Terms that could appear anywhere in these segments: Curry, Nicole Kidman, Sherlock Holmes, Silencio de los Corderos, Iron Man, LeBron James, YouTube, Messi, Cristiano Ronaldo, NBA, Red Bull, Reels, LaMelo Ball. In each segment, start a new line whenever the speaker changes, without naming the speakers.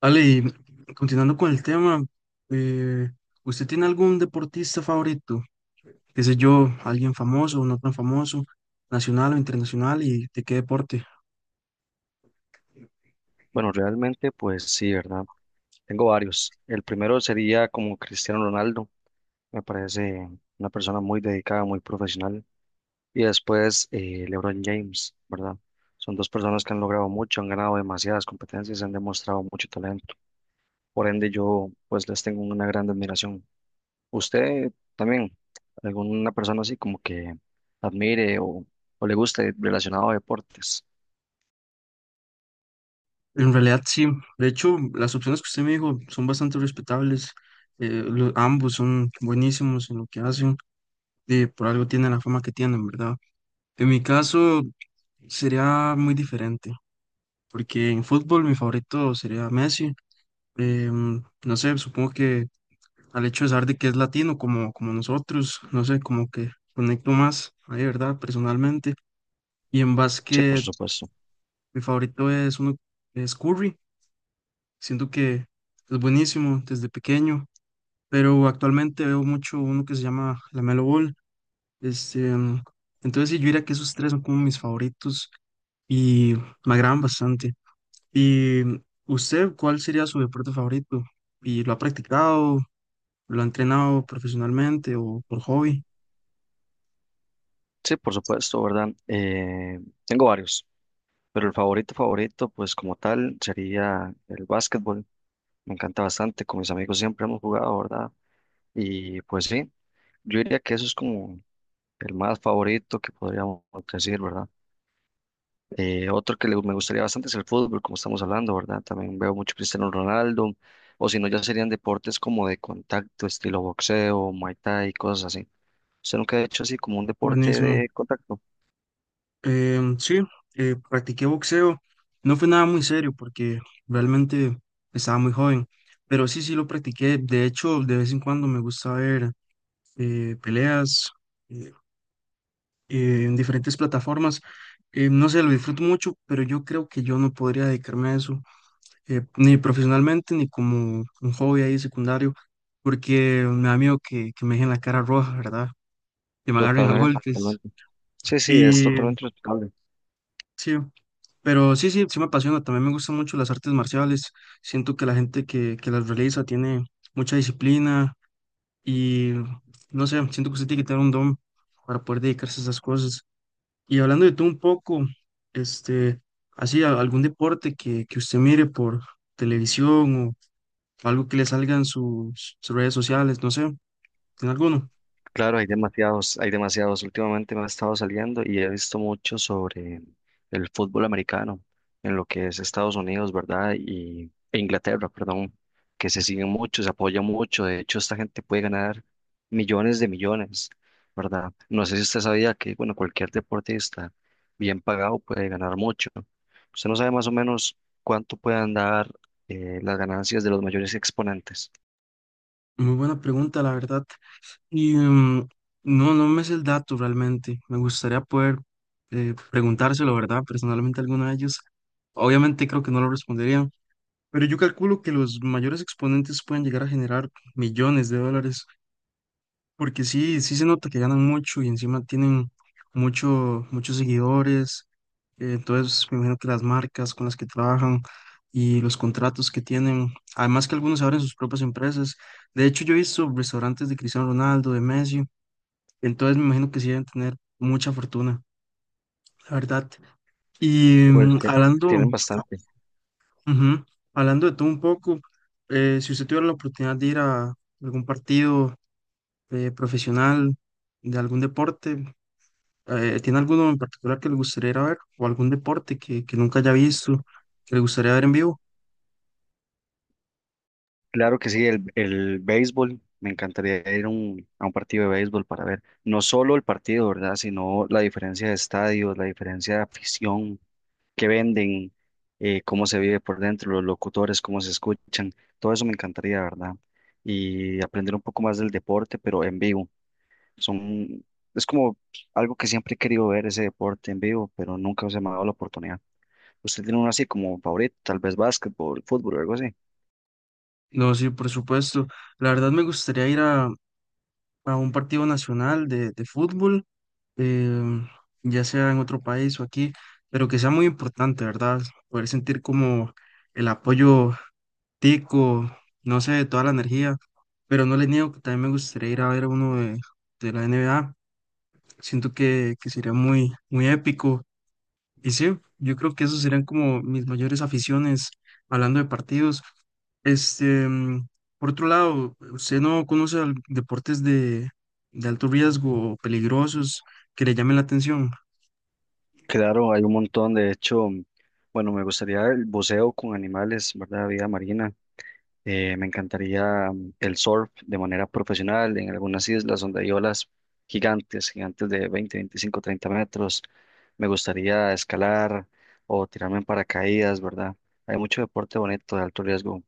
Ale, y continuando con el tema, eh, ¿usted tiene algún deportista favorito? ¿Qué sé yo, alguien famoso o no tan famoso, nacional o internacional y de qué deporte?
Bueno, realmente, pues sí, ¿verdad? Tengo varios. El primero sería como Cristiano Ronaldo. Me parece una persona muy dedicada, muy profesional. Y después LeBron James, ¿verdad? Son dos personas que han logrado mucho, han ganado demasiadas competencias, han demostrado mucho talento. Por ende, yo pues les tengo una gran admiración. ¿Usted también, alguna persona así como que admire o le guste relacionado a deportes?
En realidad sí, de hecho las opciones que usted me dijo son bastante respetables, ambos son buenísimos en lo que hacen, y por algo tienen la fama que tienen, ¿verdad? En mi caso sería muy diferente, porque en fútbol mi favorito sería Messi. No sé, supongo que al hecho de saber de que es latino como nosotros, no sé, como que conecto más, ahí, ¿verdad? Personalmente. Y en
Sí, por
básquet,
supuesto.
mi favorito es uno, es Curry, siento que es buenísimo desde pequeño, pero actualmente veo mucho uno que se llama LaMelo Ball. este, mm, entonces sí, yo diría que esos tres son como mis favoritos y me agradan bastante. ¿Y usted cuál sería su deporte favorito? ¿Y lo ha practicado? ¿Lo ha entrenado profesionalmente o por hobby?
Sí, por supuesto, ¿verdad? Tengo varios. Pero el favorito favorito, pues como tal, sería el básquetbol. Me encanta bastante, con mis amigos siempre hemos jugado, ¿verdad? Y pues sí, yo diría que eso es como el más favorito que podríamos decir, ¿verdad? Otro que me gustaría bastante es el fútbol, como estamos hablando, ¿verdad? También veo mucho Cristiano Ronaldo, o si no, ya serían deportes como de contacto, estilo boxeo, muay thai, cosas así. ¿Usted nunca ha hecho así como un deporte
Buenísimo.
de contacto?
Sí, practiqué boxeo. No fue nada muy serio porque realmente estaba muy joven, pero sí lo practiqué. De hecho, de vez en cuando me gusta ver peleas eh, en diferentes plataformas. No sé, lo disfruto mucho, pero yo creo que yo no podría dedicarme a eso, ni profesionalmente, ni como un hobby ahí secundario, porque me da miedo que me dejen la cara roja, ¿verdad? Que me agarren a
Totalmente,
golpes.
totalmente. Sí, sí,
Y
es totalmente respetable.
sí, pero sí me apasiona. También me gustan mucho las artes marciales. Siento que la gente que las realiza tiene mucha disciplina y no sé, siento que usted tiene que tener un don para poder dedicarse a esas cosas. Y hablando de tú un poco, este, así, algún deporte que usted mire por televisión o algo que le salga en sus redes sociales, no sé, ¿tiene alguno?
Claro, hay demasiados, hay demasiados. Últimamente me ha estado saliendo y he visto mucho sobre el fútbol americano en lo que es Estados Unidos, ¿verdad? Y e Inglaterra, perdón, que se siguen mucho, se apoya mucho. De hecho, esta gente puede ganar millones de millones, ¿verdad? No sé si usted sabía que, bueno, cualquier deportista bien pagado puede ganar mucho. Usted no sabe más o menos cuánto pueden dar las ganancias de los mayores exponentes.
Muy buena pregunta, la verdad. Y no, no me es el dato realmente. Me gustaría poder preguntárselo, ¿verdad? Personalmente a alguno de ellos. Obviamente creo que no lo respondería pero yo calculo que los mayores exponentes pueden llegar a generar millones de dólares, porque sí, sí se nota que ganan mucho y encima tienen muchos seguidores. Entonces, me imagino que las marcas con las que trabajan y los contratos que tienen, además que algunos abren sus propias empresas. De hecho, yo he visto restaurantes de Cristiano Ronaldo, de Messi, entonces me imagino que sí deben tener mucha fortuna, la verdad. Y
Pues sí,
hablando,
tienen bastante.
ujú, hablando de todo un poco, si usted tuviera la oportunidad de ir a algún partido profesional de algún deporte, ¿tiene alguno en particular que le gustaría ir a ver? ¿O algún deporte que nunca haya visto, que le gustaría ver en vivo?
Claro que sí, el béisbol, me encantaría ir a a un partido de béisbol para ver no solo el partido, ¿verdad? Sino la diferencia de estadios, la diferencia de afición que venden, cómo se vive por dentro, los locutores, cómo se escuchan, todo eso me encantaría, ¿verdad? Y aprender un poco más del deporte, pero en vivo. Son, es como algo que siempre he querido ver, ese deporte en vivo, pero nunca se me ha dado la oportunidad. ¿Usted tiene uno así como favorito, tal vez básquetbol, fútbol o algo así?
No, sí, por supuesto. La verdad me gustaría ir a un partido nacional de fútbol. em, ya sea en otro país o aquí, pero que sea muy importante, ¿verdad? Poder sentir como el apoyo tico, no sé, toda la energía, pero no les niego que también me gustaría ir a ver a uno de la NBA, siento que sería muy, muy épico, y sí, yo creo que esos serían como mis mayores aficiones, hablando de partidos. este, mm, por otro lado, ¿usted no conoce deportes de alto riesgo o peligrosos que le llamen la atención?
Claro, hay un montón. De hecho, bueno, me gustaría el buceo con animales, ¿verdad? Vida marina. Me encantaría el surf de manera profesional en algunas islas donde hay olas gigantes, gigantes de 20, 25, 30 metros. Me gustaría escalar o tirarme en paracaídas, ¿verdad? Hay mucho deporte bonito de alto riesgo.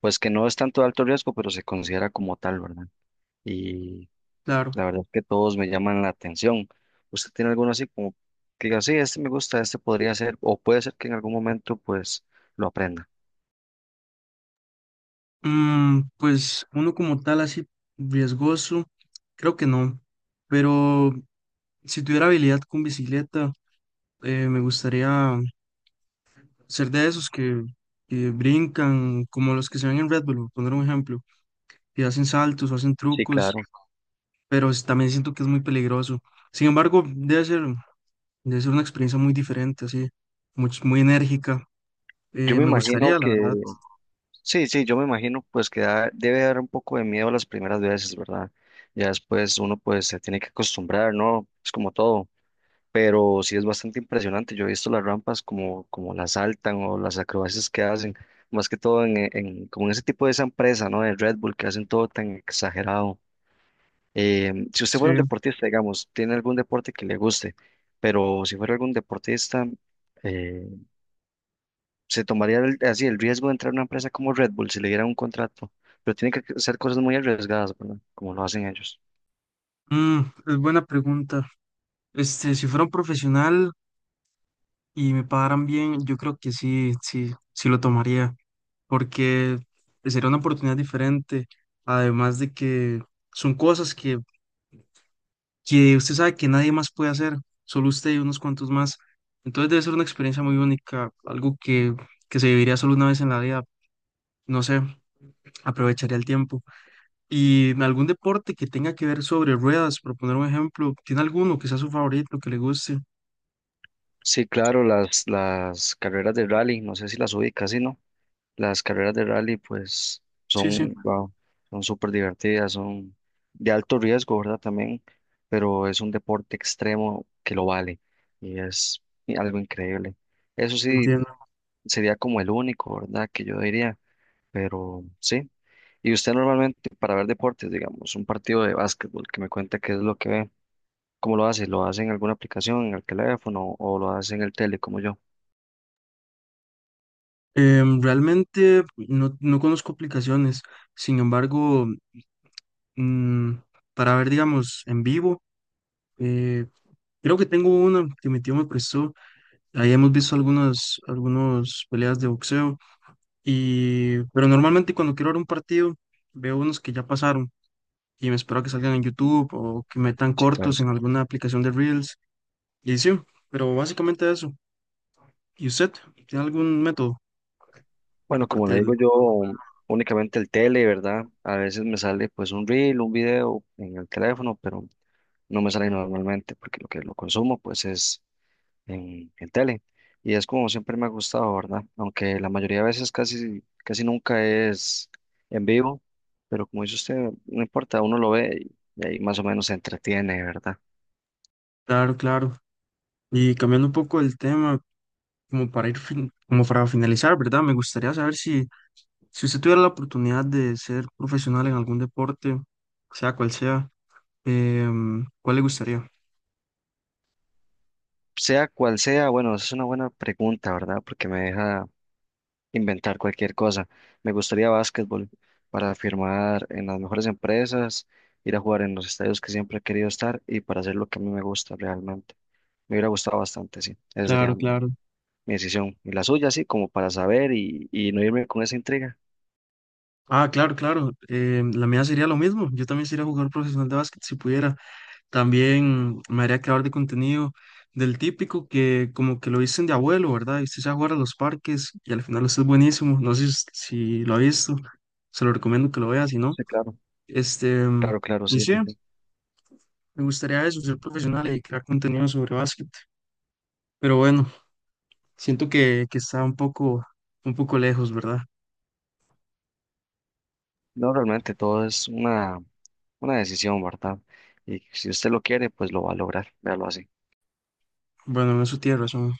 Pues que no es tanto de alto riesgo, pero se considera como tal, ¿verdad?
Claro.
La verdad que todos me llaman la atención. ¿Usted tiene alguno así como que diga, sí, este me gusta, este podría ser, o puede ser que en algún momento pues lo aprenda?
Pues uno como tal así riesgoso, creo que no. Pero si tuviera habilidad con bicicleta, me gustaría ser de esos que brincan, como los que se ven en Red Bull, por poner un ejemplo, que hacen saltos o hacen
Sí,
trucos,
claro.
pero también siento que es muy peligroso. Sin embargo, debe ser una experiencia muy diferente, así, muy enérgica.
Yo me
Me
imagino
gustaría, la verdad.
que, sí, sí, yo me imagino pues que debe dar un poco de miedo las primeras veces, ¿verdad? Ya después uno pues se tiene que acostumbrar, ¿no? Es como todo, pero sí es bastante impresionante. Yo he visto las rampas como las saltan o las acrobacias que hacen, más que todo como en ese tipo de esa empresa, ¿no? De Red Bull que hacen todo tan exagerado. Si usted
Sí.
fuera un deportista, digamos, tiene algún deporte que le guste, pero si fuera algún deportista, eh, se tomaría así el riesgo de entrar a una empresa como Red Bull si le diera un contrato, pero tiene que ser cosas muy arriesgadas, ¿verdad? Como lo hacen ellos.
Mm, es buena pregunta. Si fuera un profesional y me pagaran bien, yo creo que sí, sí lo tomaría, porque sería una oportunidad diferente, además de que son cosas que usted sabe que nadie más puede hacer, solo usted y unos cuantos más. Entonces debe ser una experiencia muy única, algo que se viviría solo una vez en la vida, no sé, aprovecharía el tiempo. Y en algún deporte que tenga que ver sobre ruedas, por poner un ejemplo, ¿tiene alguno que sea su favorito, que le guste?
Sí, claro, las carreras de rally, no sé si las ubica, ¿sí, no? Las carreras de rally, pues,
Sí, sí,
son, wow, son súper divertidas, son de alto riesgo, ¿verdad? También, pero es un deporte extremo que lo vale y es algo increíble. Eso sí,
entiendo.
sería como el único, ¿verdad? Que yo diría, pero sí. ¿Y usted normalmente para ver deportes, digamos, un partido de básquetbol que me cuenta qué es lo que ve? ¿Cómo lo hace? ¿Lo hace en alguna aplicación, en el teléfono o lo hace en el tele como yo?
Realmente no, no conozco aplicaciones, sin embargo, mm, para ver, digamos, en vivo, eh, creo que tengo una que mi tío me prestó. Ahí hemos visto algunas peleas de boxeo, y, pero normalmente cuando quiero ver un partido, veo unos que ya pasaron y me espero a que salgan en YouTube o que metan
Sí, claro.
cortos en alguna aplicación de Reels. Y sí, pero básicamente eso. ¿Y usted tiene algún método
Bueno, como
aparte
le
del...
digo yo, únicamente el tele, ¿verdad? A veces me sale pues un reel, un video en el teléfono, pero no me sale normalmente porque lo que lo consumo pues es en el tele. Y es como siempre me ha gustado, ¿verdad? Aunque la mayoría de veces casi, casi nunca es en vivo, pero como dice usted, no importa, uno lo ve y ahí más o menos se entretiene, ¿verdad?
Claro, claro. Y cambiando un poco el tema, como para ir, como para finalizar, ¿verdad? Me gustaría saber si, si usted tuviera la oportunidad de ser profesional en algún deporte, sea cual sea, ¿cuál le gustaría?
Sea cual sea, bueno, esa es una buena pregunta, ¿verdad? Porque me deja inventar cualquier cosa. Me gustaría básquetbol para firmar en las mejores empresas, ir a jugar en los estadios que siempre he querido estar y para hacer lo que a mí me gusta realmente. Me hubiera gustado bastante, sí. Esa
Claro,
sería mi,
claro.
mi decisión. Y la suya, sí, como para saber y no irme con esa intriga.
Ah, claro, claro. La mía sería lo mismo. Yo también sería jugador profesional de básquet si pudiera. También me haría creador de contenido del típico que como que lo dicen de abuelo, ¿verdad? Y usted se va a jugar a los parques y al final usted es buenísimo. No sé si lo ha visto. Se lo recomiendo que lo vea, si no.
Sí, claro.
Este, em,
Claro, claro,
y
sí,
sí,
sí, sí.
me gustaría eso, ser profesional y crear contenido sobre básquet. Pero bueno, siento que está un poco lejos, ¿verdad?
No, realmente todo es una decisión, ¿verdad? Y si usted lo quiere, pues lo va a lograr. Véalo así.
Bueno, en eso tiene razón.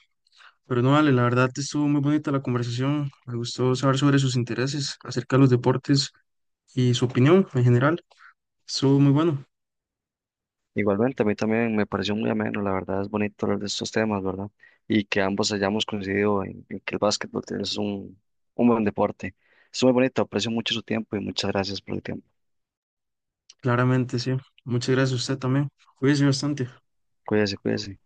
Pero no vale, la verdad estuvo muy bonita la conversación. Me gustó saber sobre sus intereses acerca de los deportes y su opinión en general. Estuvo muy bueno,
Igualmente, a mí también me pareció muy ameno, la verdad es bonito hablar de estos temas, ¿verdad? Y que ambos hayamos coincidido en que el básquetbol es un buen deporte. Es muy bonito, aprecio mucho su tiempo y muchas gracias por el tiempo.
claramente, sí. Muchas gracias a usted también. Cuídese bastante.
Cuídese, cuídese.